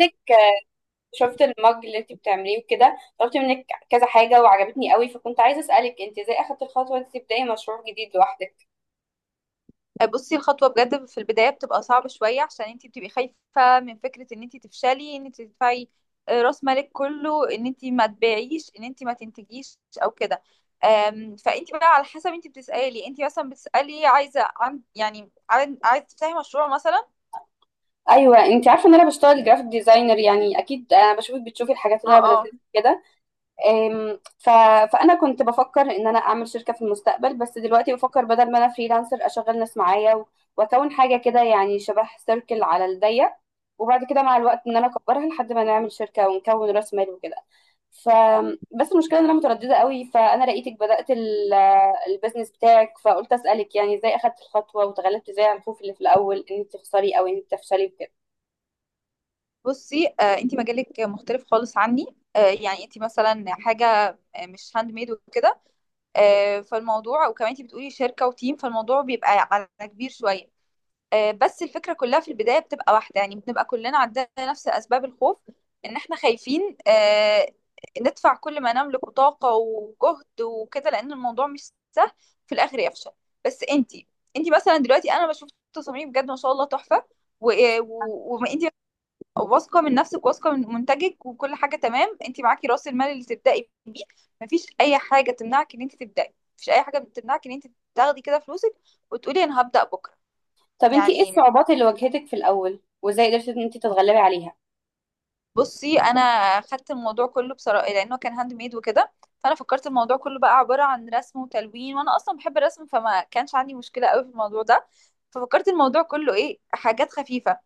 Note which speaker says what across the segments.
Speaker 1: منك. شفت المج اللي انت بتعمليه وكده، طلبت منك كذا حاجة وعجبتني قوي، فكنت عايزة أسألك انت ازاي اخدت الخطوة دي تبدأي مشروع جديد لوحدك؟
Speaker 2: بصي الخطوة بجد في البداية بتبقى صعبة شوية، عشان انتي بتبقي خايفة من فكرة ان انتي تفشلي، ان انتي تدفعي راس مالك كله، ان انتي ما تبيعيش، ان انتي ما تنتجيش او كده. فانتي بقى على حسب، انتي بتسألي، انتي مثلا بتسألي عايزة عن يعني عايزة تفتحي مشروع مثلا.
Speaker 1: ايوه انت عارفة ان انا بشتغل جرافيك ديزاينر، يعني اكيد انا بشوفك بتشوفي الحاجات
Speaker 2: اه،
Speaker 1: اللي انا
Speaker 2: اه.
Speaker 1: بنزلها كده. أم، ف... فانا كنت بفكر ان انا اعمل شركة في المستقبل، بس دلوقتي بفكر بدل ما انا فريلانسر اشغل ناس معايا واكون حاجة كده، يعني شبه سيركل على الضيق، وبعد كده مع الوقت ان انا اكبرها لحد ما نعمل شركة ونكون راس مال وكده. ف بس المشكله ان انا متردده قوي، فانا لقيتك بدات البيزنس بتاعك، فقلت اسالك يعني ازاي اخدت الخطوه وتغلبت ازاي على الخوف اللي في الاول ان انت تخسري او ان انت تفشلي بكده.
Speaker 2: بصي، انتي مجالك مختلف خالص عني. يعني انتي مثلا حاجة مش هاند ميد وكده. فالموضوع، وكمان انتي بتقولي شركة وتيم، فالموضوع بيبقى على كبير شوية. بس الفكرة كلها في البداية بتبقى واحدة، يعني بنبقى كلنا عندنا نفس أسباب الخوف. إن إحنا خايفين ندفع كل ما نملك طاقة وجهد وكده، لأن الموضوع مش سهل في الآخر يفشل. بس أنتي مثلا دلوقتي أنا بشوف تصاميم بجد ما شاء الله تحفة. وأنتي واثقة من نفسك، واثقة من منتجك، وكل حاجة تمام. أنتي معاكي رأس المال اللي تبدأي بيه. مفيش أي حاجة تمنعك إن أنتي تبدأي، مفيش أي حاجة تمنعك إن أنتي تاخدي كده فلوسك وتقولي أنا هبدأ بكرة.
Speaker 1: طب انت ايه
Speaker 2: يعني،
Speaker 1: الصعوبات اللي واجهتك في الاول وازاي قدرتي ان انت تتغلبي عليها؟
Speaker 2: بصي انا خدت الموضوع كله بصراحه لانه كان هاند ميد وكده. فانا فكرت الموضوع كله بقى عباره عن رسم وتلوين، وانا اصلا بحب الرسم فما كانش عندي مشكله قوي في الموضوع ده. ففكرت الموضوع كله ايه، حاجات خفيفه.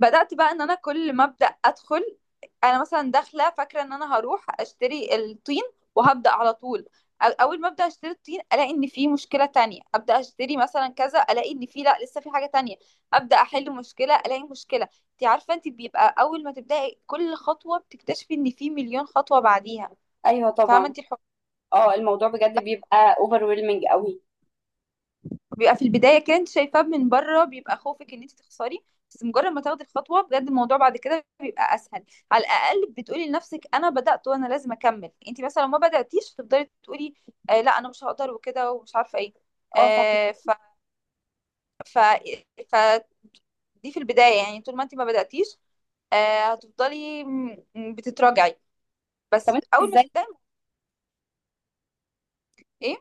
Speaker 2: بدأت بقى، ان انا كل ما ابدأ ادخل، انا مثلا داخله فاكره ان انا هروح اشتري الطين وهبدأ على طول، اول ما ابدأ اشتري الطين الاقي ان في مشكله تانية، ابدأ اشتري مثلا كذا الاقي ان في، لا، لسه في حاجه تانية، ابدأ احل مشكله الاقي مشكله. انت عارفه، انت بيبقى اول ما تبدأي كل خطوه بتكتشفي ان في مليون خطوه بعديها.
Speaker 1: ايوه
Speaker 2: فاهمه
Speaker 1: طبعا.
Speaker 2: انت.
Speaker 1: اه الموضوع بجد بيبقى اوفر ويلمنج قوي.
Speaker 2: بيبقى في البدايه كده انت شايفاه من بره، بيبقى خوفك ان انت تخسري، بس مجرد ما تاخدي الخطوه بجد الموضوع بعد كده بيبقى اسهل. على الاقل بتقولي لنفسك انا بدات وانا لازم اكمل. انت مثلا لو ما بداتيش تفضلي تقولي لا انا مش هقدر وكده ومش عارفه ايه.
Speaker 1: اه فاهمة.
Speaker 2: آه ف ف ف دي في البدايه، يعني طول ما انت ما بداتيش هتفضلي بتتراجعي،
Speaker 1: طب
Speaker 2: بس
Speaker 1: انت
Speaker 2: اول ما
Speaker 1: ازاي،
Speaker 2: تبداي. ايه؟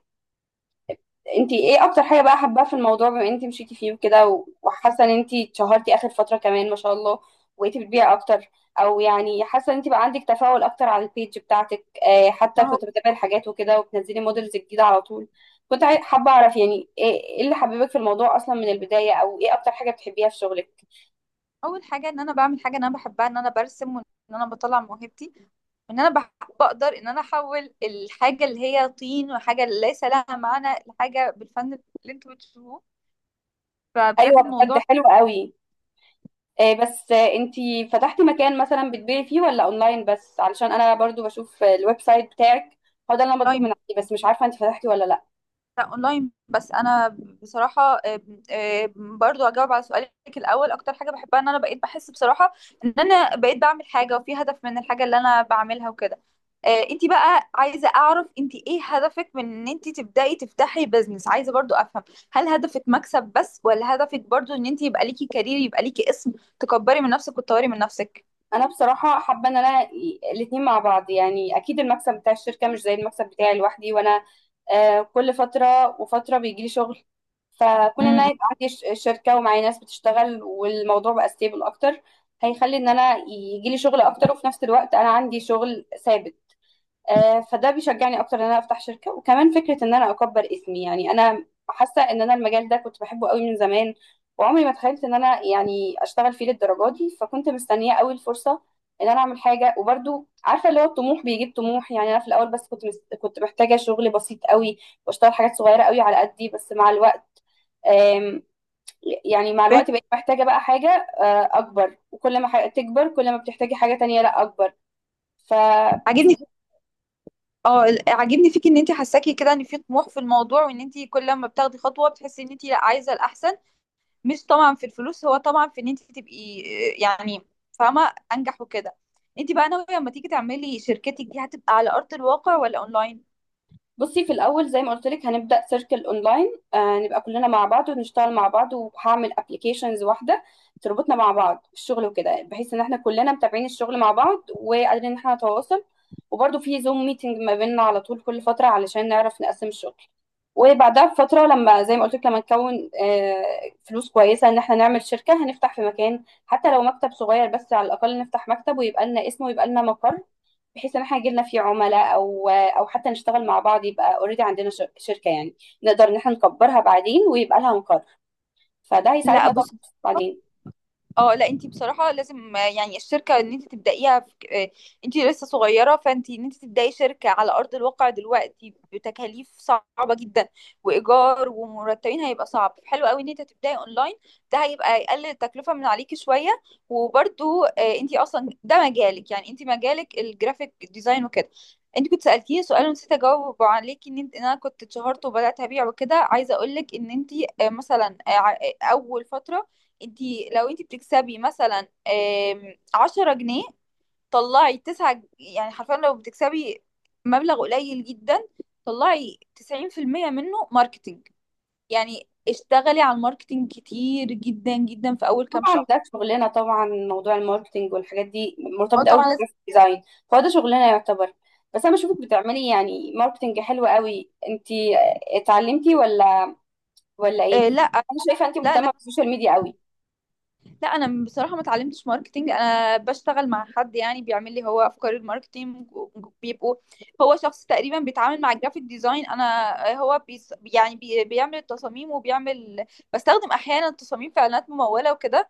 Speaker 1: انتي ايه اكتر حاجة بقى حابة في الموضوع، بما انتي مشيتي فيه وكده، وحاسة ان انتي اتشهرتي اخر فترة كمان ما شاء الله وبقيتي بتبيعي اكتر، او يعني حاسة ان انتي بقى عندك تفاعل اكتر على البيج بتاعتك، آه حتى
Speaker 2: ما هو،
Speaker 1: كنت بتابعي الحاجات وكده وبتنزلي موديلز جديدة على طول. حابة اعرف يعني ايه، ايه اللي حببك في الموضوع اصلا من البداية، او ايه اكتر حاجة بتحبيها في شغلك؟
Speaker 2: اول حاجه ان انا بعمل حاجه انا بحبها، ان انا برسم، وان انا بطلع موهبتي، وان انا بقدر ان انا احول الحاجه اللي هي طين وحاجه ليس لها معنى لحاجه بالفن اللي انتوا بتشوفوه. فبجد
Speaker 1: ايوه بجد
Speaker 2: الموضوع.
Speaker 1: حلو قوي. آه بس آه انتي فتحتي مكان مثلا بتبيعي فيه ولا اونلاين بس؟ علشان انا برضو بشوف الويب سايت بتاعك، هو ده اللي انا بطلب من عندي، بس مش عارفة انتي فتحتي ولا لا.
Speaker 2: اونلاين بس. انا بصراحه برضو اجاوب على سؤالك الاول، اكتر حاجه بحبها ان انا بقيت بحس بصراحه ان انا بقيت بعمل حاجه وفي هدف من الحاجه اللي انا بعملها وكده. انتي بقى عايزه اعرف انتي ايه هدفك من ان انتي تبداي تفتحي بزنس؟ عايزه برضو افهم، هل هدفك مكسب بس، ولا هدفك برضو ان انتي يبقى ليكي كارير، يبقى ليكي اسم، تكبري من نفسك وتطوري من نفسك؟
Speaker 1: انا بصراحه حابه ان انا الاتنين مع بعض، يعني اكيد المكسب بتاع الشركه مش زي المكسب بتاعي لوحدي، وانا كل فتره وفتره بيجي لي شغل، فكون ان انا
Speaker 2: امم.
Speaker 1: يبقى عندي شركه ومعايا ناس بتشتغل والموضوع بقى ستيبل اكتر، هيخلي ان انا يجي لي شغل اكتر، وفي نفس الوقت انا عندي شغل ثابت. فده بيشجعني اكتر ان انا افتح شركه، وكمان فكره ان انا اكبر اسمي. يعني انا حاسه ان انا المجال ده كنت بحبه قوي من زمان، وعمري ما تخيلت ان انا يعني اشتغل فيه للدرجه دي، فكنت مستنيه قوي الفرصه ان انا اعمل حاجه. وبرده عارفه اللي هو الطموح بيجيب طموح، يعني انا في الاول بس كنت محتاجه شغل بسيط قوي واشتغل حاجات صغيره قوي على قدي، بس مع الوقت، آم، يعني مع
Speaker 2: فاهم.
Speaker 1: الوقت بقيت محتاجه بقى حاجه اكبر، وكل ما حاجة تكبر كل ما بتحتاجي حاجه تانية لا اكبر. فبس
Speaker 2: عاجبني عاجبني فيك ان انت حاساكي كده ان في طموح في الموضوع، وان انت كل ما بتاخدي خطوه بتحسي ان انت لا عايزه الاحسن. مش طبعا في الفلوس، هو طبعا في ان انت تبقي يعني، فاهمه، انجح وكده. انت بقى ناويه لما تيجي تعملي شركتك دي، هتبقى على ارض الواقع ولا اونلاين؟
Speaker 1: بصي في الاول زي ما قلت لك هنبدا سيركل اونلاين، آه نبقى كلنا مع بعض ونشتغل مع بعض، وهعمل ابلكيشنز واحده تربطنا مع بعض في الشغل وكده، بحيث ان احنا كلنا متابعين الشغل مع بعض وقادرين ان احنا نتواصل، وبرده في زوم ميتنج ما بيننا على طول كل فتره علشان نعرف نقسم الشغل. وبعدها بفتره، لما زي ما قلت لك لما نكون آه فلوس كويسه ان احنا نعمل شركه، هنفتح في مكان حتى لو مكتب صغير، بس على الاقل نفتح مكتب ويبقى لنا اسم ويبقى لنا مقر، بحيث ان احنا يجيلنا فيه عملاء او حتى نشتغل مع بعض، يبقى اوريدي عندنا شركه يعني، نقدر ان احنا نكبرها بعدين ويبقى لها مقر، فده
Speaker 2: لا.
Speaker 1: هيساعدنا طبعا بعدين.
Speaker 2: اه لا، انت بصراحه لازم يعني الشركه ان انت تبدايها في... آه، انت لسه صغيره، فانت ان انت تبداي شركه على ارض الواقع دلوقتي بتكاليف صعبه جدا، وايجار ومرتبين، هيبقى صعب. حلو قوي ان انت تبداي اونلاين، ده هيبقى يقلل التكلفه من عليكي شويه. وبرده انت اصلا ده مجالك، يعني انت مجالك الجرافيك ديزاين وكده. انت كنت سالتيني سؤال ونسيت اجاوب عليكي، ان انت ان انا كنت اتشهرت وبدات ابيع وكده. عايزه اقول لك ان انت مثلا اول فتره، انتي لو انتي بتكسبي مثلا 10 جنيه، طلعي تسعة يعني حرفيا لو بتكسبي مبلغ قليل جدا، طلعي 90% منه ماركتينج. يعني اشتغلي على الماركتينج كتير جدا جدا في أول كام
Speaker 1: طبعا
Speaker 2: شهر.
Speaker 1: ده شغلنا، طبعا موضوع الماركتينج والحاجات دي
Speaker 2: اه
Speaker 1: مرتبط قوي
Speaker 2: طبعا لازم.
Speaker 1: بالجرافيك ديزاين، فهو ده شغلنا يعتبر. بس انا بشوفك بتعملي يعني ماركتينج حلو قوي، انت اتعلمتي ولا ولا ايه؟
Speaker 2: لا،
Speaker 1: انا شايفه انت
Speaker 2: لا،
Speaker 1: مهتمه بالسوشيال ميديا قوي.
Speaker 2: لا، انا بصراحه ما اتعلمتش ماركتينج. انا بشتغل مع حد يعني بيعمل لي هو افكار الماركتينج. بيبقوا، هو شخص تقريبا بيتعامل مع الجرافيك ديزاين. انا هو يعني بيعمل التصاميم وبيعمل. بستخدم احيانا تصاميم في اعلانات مموله وكده.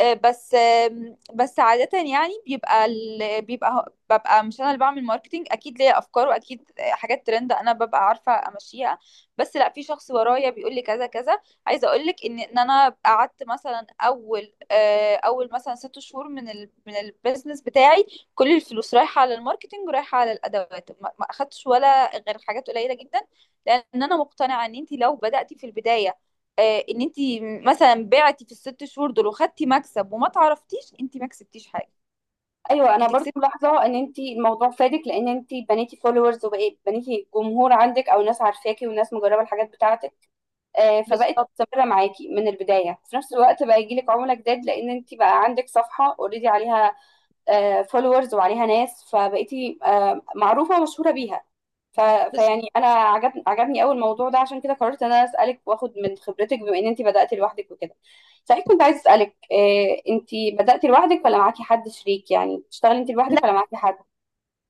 Speaker 2: بس عادة يعني بيبقى ببقى مش انا اللي بعمل ماركتينج. اكيد ليا افكار، واكيد حاجات ترند انا ببقى عارفة امشيها، بس لا، في شخص ورايا بيقول لي كذا كذا. عايزة اقول لك ان انا قعدت مثلا اول مثلا 6 شهور من البيزنس بتاعي، كل الفلوس رايحة على الماركتينج ورايحة على الادوات، ما اخدتش ولا غير حاجات قليلة جدا. لان انا مقتنعة ان انت لو بدأتي في البداية، ان انت مثلا بعتي في الست شهور دول وخدتي مكسب وما تعرفتيش، انت ما كسبتيش حاجه،
Speaker 1: ايوه انا
Speaker 2: انت
Speaker 1: برضو
Speaker 2: كسبتي.
Speaker 1: ملاحظه ان انت الموضوع فادك، لان انت بنيتي فولورز وبقيت بنيتي جمهور عندك، او ناس عارفاكي وناس مجربه الحاجات بتاعتك، فبقت
Speaker 2: بالظبط.
Speaker 1: مستمره معاكي من البدايه، في نفس الوقت بقى يجيلك عملاء جداد لان انت بقى عندك صفحه اوريدي عليها فولورز وعليها ناس، فبقيتي معروفة ومشهورة بيها. ف...
Speaker 2: بالظبط.
Speaker 1: فيعني انا عجبني قوي الموضوع ده، عشان كده قررت ان انا اسالك واخد من خبرتك بما ان انت بدات لوحدك وكده. صحيح كنت عايز اسالك انت بدات لوحدك ولا معاكي حد شريك؟ يعني بتشتغلي انت لوحدك
Speaker 2: لا،
Speaker 1: ولا معاكي حد؟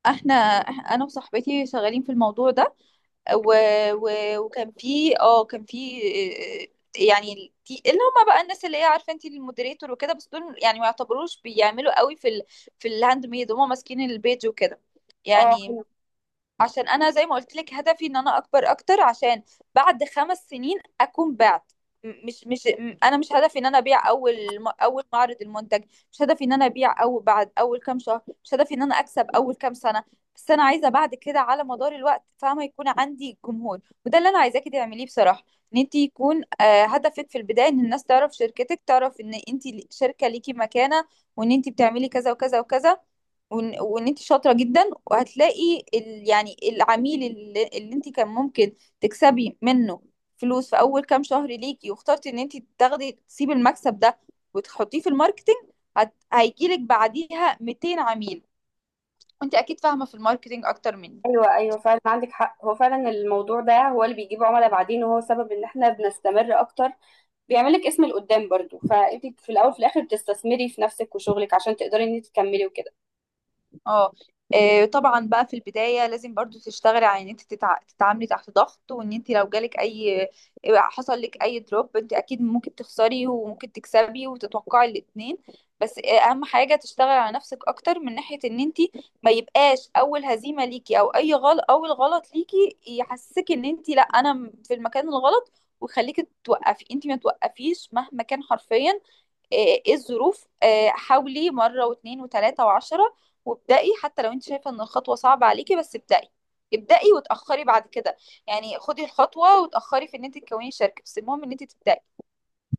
Speaker 2: احنا انا وصاحبتي شغالين في الموضوع ده. و... و... وكان في اه كان في يعني اللي هم بقى الناس اللي هي عارفه، انت المودريتور وكده، بس دول يعني ما يعتبروش بيعملوا قوي في ال... في الهاند ميد، هم ماسكين البيج وكده.
Speaker 1: اه.
Speaker 2: يعني عشان انا زي ما قلت لك هدفي ان انا اكبر اكتر، عشان بعد 5 سنين اكون بعت. م- مش مش م- انا مش هدفي ان انا ابيع اول معرض المنتج، مش هدفي ان انا ابيع اول بعد اول كام شهر، مش هدفي ان انا اكسب اول كام سنه. بس انا عايزه بعد كده على مدار الوقت، فاهمه، يكون عندي جمهور. وده اللي انا عايزاكي تعمليه بصراحه، ان انت يكون هدفك في البدايه ان الناس تعرف شركتك، تعرف ان انت شركه ليكي مكانه، وان انت بتعملي كذا وكذا وكذا، وإن انت شاطره جدا. وهتلاقي ال... يعني العميل اللي انت كان ممكن تكسبي منه فلوس في اول كام شهر ليكي، واخترتي ان انت تاخدي، تسيبي المكسب ده وتحطيه في الماركتينج، هيجيلك بعديها 200 عميل. انت اكيد فاهمه في الماركتينج اكتر مني.
Speaker 1: ايوه ايوه فعلا عندك حق، هو فعلا الموضوع ده هو اللي بيجيب عملاء بعدين، وهو سبب ان احنا بنستمر اكتر، بيعمل لك اسم لقدام برضو، فانت في الاول في الاخر بتستثمري في نفسك وشغلك عشان تقدري ان انت تكملي وكده.
Speaker 2: اه طبعا بقى في البداية لازم برضو تشتغلي على ان انت تتعاملي تحت ضغط. وان انت لو جالك اي، حصل لك اي دروب، انت اكيد ممكن تخسري وممكن تكسبي، وتتوقعي الاتنين. بس اهم حاجة تشتغلي على نفسك اكتر، من ناحية ان انت ما يبقاش اول هزيمة ليكي او اي غلط، اول غلط ليكي، يحسسك ان انت لا انا في المكان الغلط ويخليكي توقفي. انت ما توقفيش مهما كان، حرفيا إيه الظروف. حاولي مرة واتنين وتلاتة وعشرة. وابدأي حتى لو انت شايفة ان الخطوة صعبة عليكي، بس ابدأي. ابدأي وتأخري بعد كده، يعني خدي الخطوة وتأخري في ان انت تكوني شركة، بس المهم ان انت تبدأي.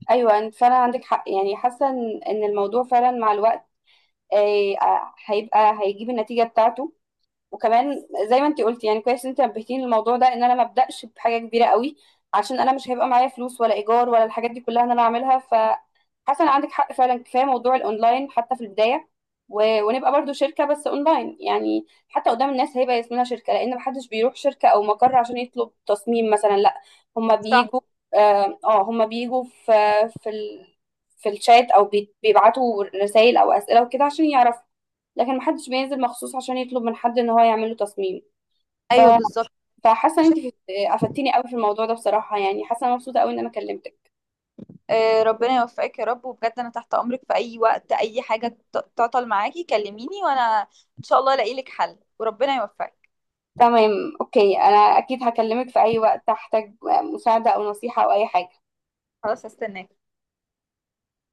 Speaker 1: ايوه انت فعلا عندك حق، يعني حاسه ان إن الموضوع فعلا مع الوقت هيبقى هيجيب النتيجه بتاعته. وكمان زي ما انت قلتي، يعني كويس انت نبهتيني للموضوع ده ان انا ما ابداش بحاجه كبيره قوي، عشان انا مش هيبقى معايا فلوس ولا ايجار ولا الحاجات دي كلها ان انا اعملها. حسن عندك حق فعلا، كفايه موضوع الاونلاين حتى في البدايه، ونبقى برضو شركه بس اونلاين. يعني حتى قدام الناس هيبقى اسمنا شركه، لان محدش بيروح شركه او مقر عشان يطلب تصميم مثلا، لا هما
Speaker 2: صح.
Speaker 1: بيجوا، اه هما بيجوا في في ال... في الشات، او بيبعتوا رسائل او اسئله وكده عشان يعرفوا، لكن محدش بينزل مخصوص عشان يطلب من حد ان هو يعمل له تصميم. ف...
Speaker 2: ايوه بالظبط.
Speaker 1: فحاسه ان انت افدتيني قوي في الموضوع ده بصراحه، يعني حاسه أنا مبسوطه قوي ان انا كلمتك.
Speaker 2: ربنا يوفقك يا رب، وبجد انا تحت امرك في اي وقت، اي حاجة تعطل معاكي كلميني، وانا ان شاء الله الاقي لك حل، وربنا يوفقك.
Speaker 1: تمام، اوكي انا اكيد هكلمك في اي وقت احتاج مساعده او نصيحه او اي حاجه.
Speaker 2: خلاص هستناك.